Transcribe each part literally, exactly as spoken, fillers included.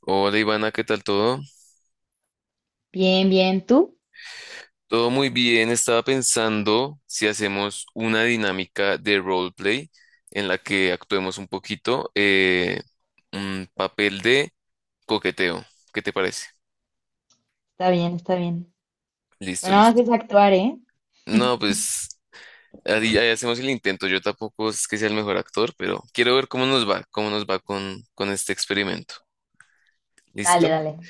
Hola Ivana, ¿qué tal todo? Bien, bien, ¿tú? Todo muy bien, estaba pensando si hacemos una dinámica de roleplay en la que actuemos un poquito eh, un papel de coqueteo. ¿Qué te parece? Está bien, está bien. Listo, Pero nada más listo. es actuar, ¿eh? No, pues ahí, ahí hacemos el intento. Yo tampoco es que sea el mejor actor, pero quiero ver cómo nos va, cómo nos va con, con este experimento. Dale, ¿Listo? dale.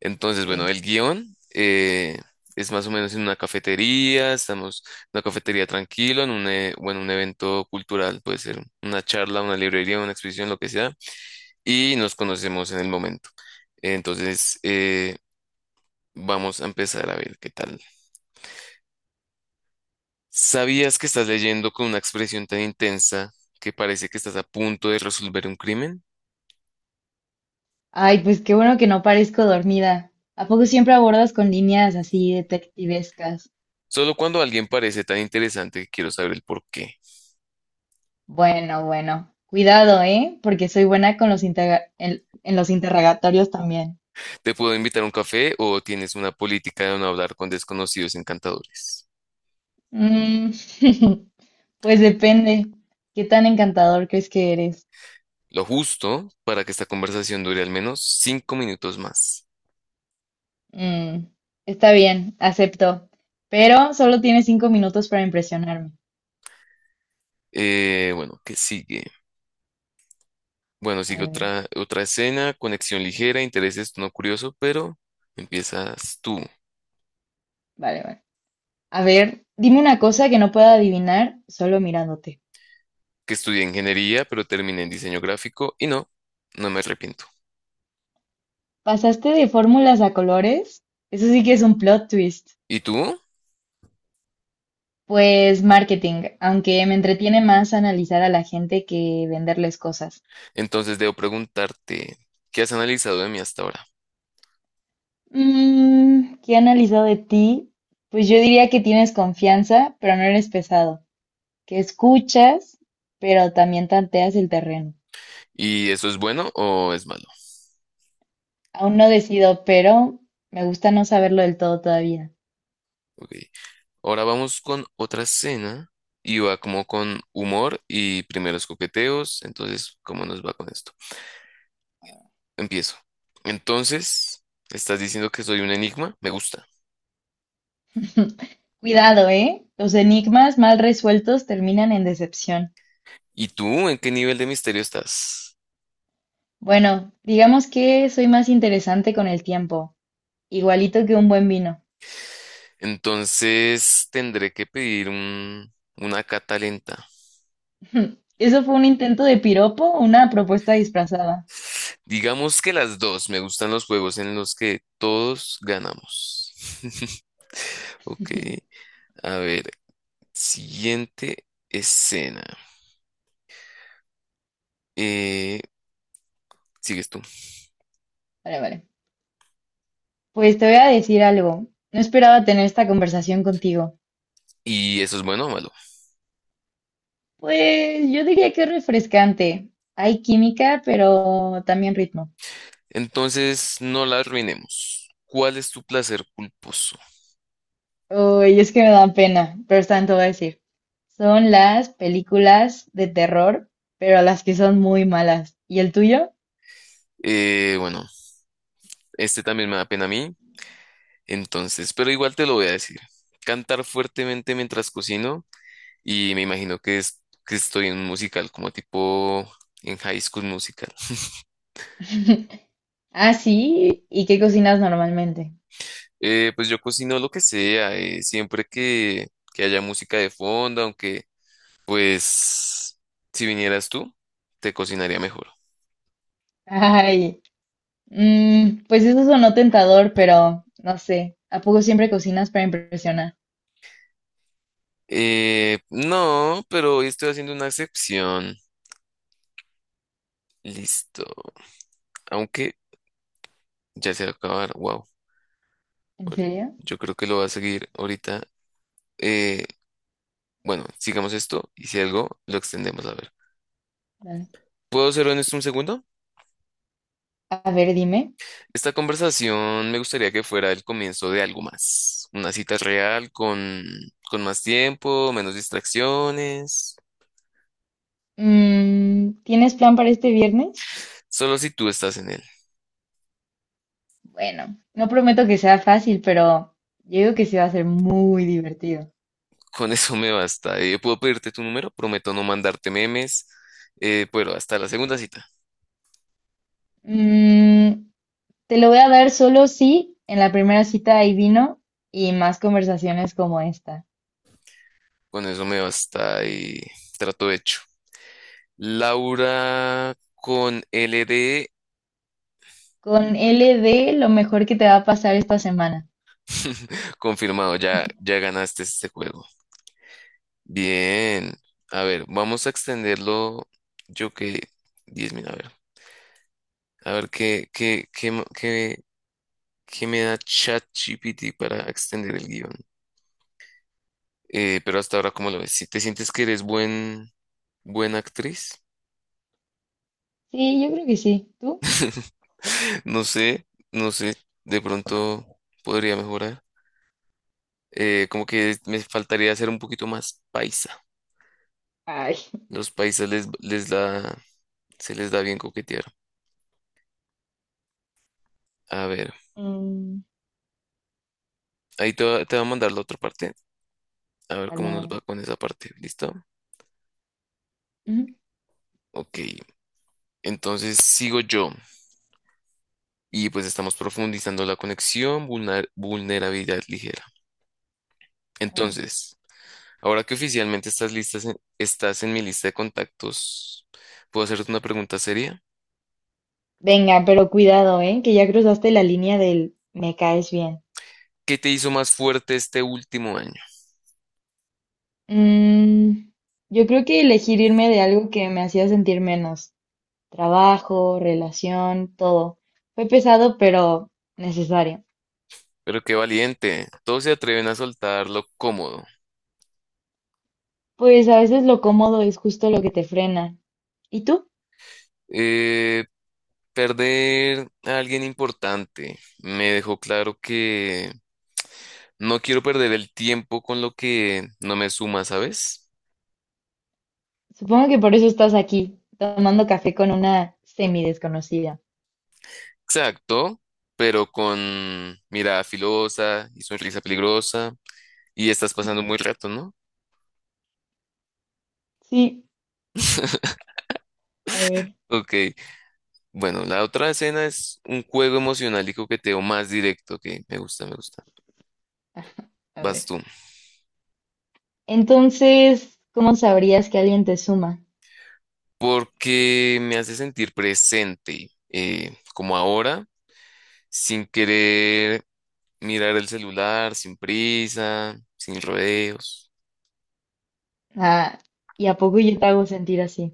Entonces, bueno, Sí. el guión eh, es más o menos en una cafetería, estamos en una cafetería tranquilo, en un, e- bueno, un evento cultural, puede ser una charla, una librería, una exposición, lo que sea, y nos conocemos en el momento. Entonces, eh, vamos a empezar a ver qué tal. ¿Sabías que estás leyendo con una expresión tan intensa que parece que estás a punto de resolver un crimen? Ay, pues qué bueno que no parezco dormida. ¿A poco siempre abordas con líneas así detectivescas? Solo cuando alguien parece tan interesante que quiero saber el por qué. Bueno, bueno. Cuidado, ¿eh? Porque soy buena con los interga- en, en los interrogatorios también. ¿Te puedo invitar a un café o tienes una política de no hablar con desconocidos encantadores? Mm, pues depende. ¿Qué tan encantador crees que eres? Lo justo para que esta conversación dure al menos cinco minutos más. Mm, está bien, acepto. Pero solo tienes cinco minutos para impresionarme. Eh, bueno, ¿qué sigue? Bueno, A sigue ver, otra, otra escena, conexión ligera, intereses, no curioso, pero empiezas tú, vale, vale. A ver, dime una cosa que no pueda adivinar solo mirándote. que estudié ingeniería, pero terminé en diseño gráfico y no, no me arrepiento. ¿Pasaste de fórmulas a colores? Eso sí que es un plot twist. ¿Y tú? Pues marketing, aunque me entretiene más analizar a la gente que venderles cosas. Entonces debo preguntarte, ¿qué has analizado de mí hasta ahora? Mm, ¿qué he analizado de ti? Pues yo diría que tienes confianza, pero no eres pesado. Que escuchas, pero también tanteas el terreno. ¿Y eso es bueno o es malo? Aún no decido, pero me gusta no saberlo del todo todavía. Ok. Ahora vamos con otra escena y va como con humor y primeros coqueteos. Entonces, ¿cómo nos va con esto? Empiezo. Entonces, estás diciendo que soy un enigma. Me gusta. Cuidado, ¿eh? Los enigmas mal resueltos terminan en decepción. ¿Y tú en qué nivel de misterio estás? Bueno, digamos que soy más interesante con el tiempo, igualito que un buen vino. Entonces, tendré que pedir un, una cata lenta. Eso fue un intento de piropo, o una propuesta disfrazada. Digamos que las dos. Me gustan los juegos en los que todos ganamos. Ok. A ver, siguiente escena. Eh, Sigues tú. Vale, vale. Pues te voy a decir algo. No esperaba tener esta conversación contigo. Y eso es bueno o malo. Pues yo diría que es refrescante. Hay química, pero también ritmo. Entonces, no la arruinemos. ¿Cuál es tu placer culposo? Uy, es que me dan pena, pero están, te voy a decir. Son las películas de terror, pero las que son muy malas. ¿Y el tuyo? Eh, bueno, este también me da pena a mí. Entonces, pero igual te lo voy a decir. Cantar fuertemente mientras cocino. Y me imagino que es que estoy en un musical como tipo en High School Musical. Ah, sí. ¿Y qué cocinas normalmente? Eh, pues yo cocino lo que sea, eh, siempre que, que haya música de fondo, aunque pues si vinieras tú, te cocinaría mejor. Ay, mm, pues eso sonó tentador, pero no sé. ¿A poco siempre cocinas para impresionar? Eh, no, pero hoy estoy haciendo una excepción. Listo. Aunque ya se va a acabar. Wow. ¿En serio? Yo creo que lo va a seguir ahorita. Eh, bueno, sigamos esto y si algo, lo extendemos a ver. Dale. ¿Puedo hacerlo en esto un segundo? A ver, dime. Esta conversación me gustaría que fuera el comienzo de algo más. Una cita real con, con más tiempo, menos distracciones. Mm, ¿tienes plan para este viernes? Solo si tú estás en él. Bueno, no prometo que sea fácil, pero yo digo que sí va a ser muy divertido. Con eso me basta. Eh, ¿puedo pedirte tu número? Prometo no mandarte memes. Eh, pero hasta la segunda cita. Mm, te lo voy a dar solo si en la primera cita hay vino y más conversaciones como esta. Con eso me basta y trato hecho. Laura con L LD. Con L D, lo mejor que te va a pasar esta semana. Confirmado, ya, ya ganaste este juego. Bien. A ver, vamos a extenderlo. Yo que diez mil, a ver. A ver qué, qué, qué, mo- qué, qué me da ChatGPT para extender el guión. Eh, pero hasta ahora, ¿cómo lo ves? Si te sientes que eres buen, buena actriz, Sí, yo creo que sí. ¿Tú? no sé, no sé, de pronto podría mejorar. Eh, como que me faltaría hacer un poquito más paisa. Ay. Los paisas les, les da, se les da bien coquetear. A ver, Mm, ahí te, va- te voy a mandar la otra parte. A ver dale, cómo nos dale. va con esa parte. ¿Listo? Ujú, Ok. Entonces sigo yo. Y pues estamos profundizando la conexión, vulner- vulnerabilidad ligera. a ver. Entonces, ahora que oficialmente estás listas en- estás en mi lista de contactos, ¿puedo hacerte una pregunta seria? Venga, pero cuidado, ¿eh? Que ya cruzaste la línea del me caes bien. ¿Qué te hizo más fuerte este último año? Mm, yo creo que elegir irme de algo que me hacía sentir menos. Trabajo, relación, todo. Fue pesado, pero necesario. Pero qué valiente. Todos se atreven a soltar lo cómodo. Pues a veces lo cómodo es justo lo que te frena. ¿Y tú? Eh, Perder a alguien importante me dejó claro que no quiero perder el tiempo con lo que no me suma, ¿sabes? Supongo que por eso estás aquí, tomando café con una semi desconocida. Exacto, pero con mirada filosa y sonrisa peligrosa y estás pasando muy rato, ¿no? Sí, a ver, Ok, bueno, la otra escena es un juego emocional y coqueteo más directo que me gusta, me gusta. a Vas ver. tú. Entonces, ¿cómo sabrías que alguien te suma? Porque me hace sentir presente, eh, como ahora, sin querer mirar el celular, sin prisa, sin rodeos. Ah, ¿y a poco yo te hago sentir así?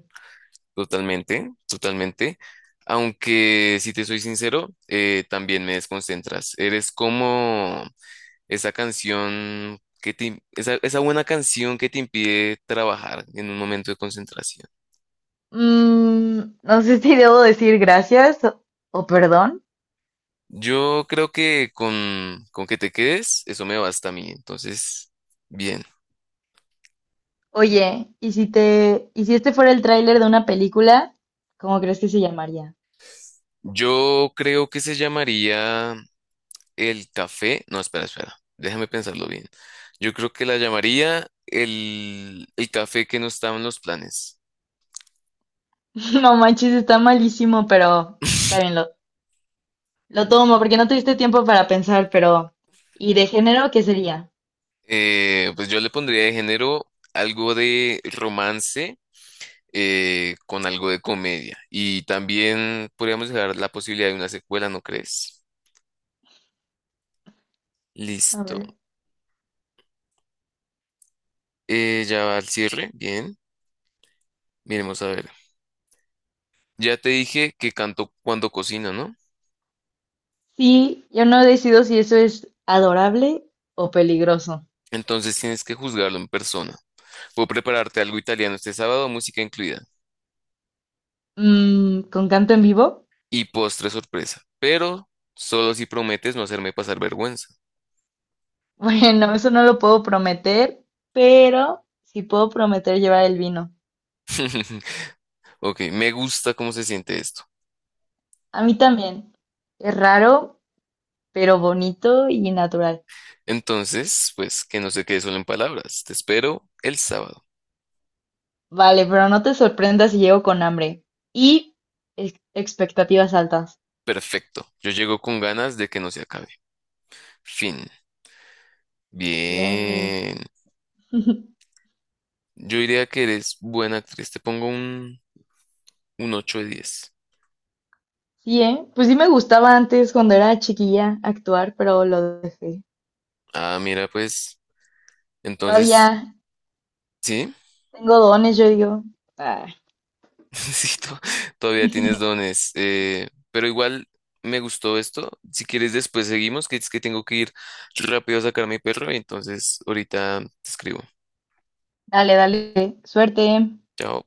Totalmente, totalmente. Aunque, si te soy sincero, eh, también me desconcentras. Eres como esa canción que te, im- esa, esa buena canción que te impide trabajar en un momento de concentración. Mm, no sé si debo decir gracias o, o perdón. Yo creo que con, con que te quedes, eso me basta a mí. Entonces, bien. Oye, ¿y si te, y si este fuera el tráiler de una película, cómo crees que se llamaría? Yo creo que se llamaría el café. No, espera, espera. Déjame pensarlo bien. Yo creo que la llamaría el, el café que no estaba en los planes. No manches, está malísimo, pero está bien, lo, Lo tomo porque no tuviste tiempo para pensar, pero ¿y de género qué sería? Eh, pues yo le pondría de género algo de romance eh, con algo de comedia. Y también podríamos dejar la posibilidad de una secuela, ¿no crees? A Listo. ver. Eh, ya va al cierre. Bien. Miremos a ver. Ya te dije que canto cuando cocino, ¿no? Sí, yo no decido si eso es adorable o peligroso. Entonces tienes que juzgarlo en persona. Puedo prepararte algo italiano este sábado, música incluida. Mm, ¿con canto en vivo? Y postre sorpresa. Pero solo si prometes no hacerme pasar vergüenza. Bueno, eso no lo puedo prometer, pero sí puedo prometer llevar el vino. Ok, me gusta cómo se siente esto. A mí también. Es raro, pero bonito y natural. Entonces, pues que no se quede solo en palabras. Te espero el sábado. Vale, pero no te sorprendas si llego con hambre y ex- expectativas altas. Perfecto. Yo llego con ganas de que no se acabe. Fin. Bien. Bien. Yo diría que eres buena actriz. Te pongo un, un ocho de diez. Sí, ¿eh? Pues sí me gustaba antes cuando era chiquilla actuar, pero lo dejé. Ah, mira, pues. Todavía Entonces, sí, tengo dones, yo digo. Ah, sí, to- todavía tienes dones. Eh, pero igual me gustó esto. Si quieres, después seguimos, que es que tengo que ir rápido a sacar a mi perro, y entonces, ahorita te escribo. dale, dale, suerte. Chao.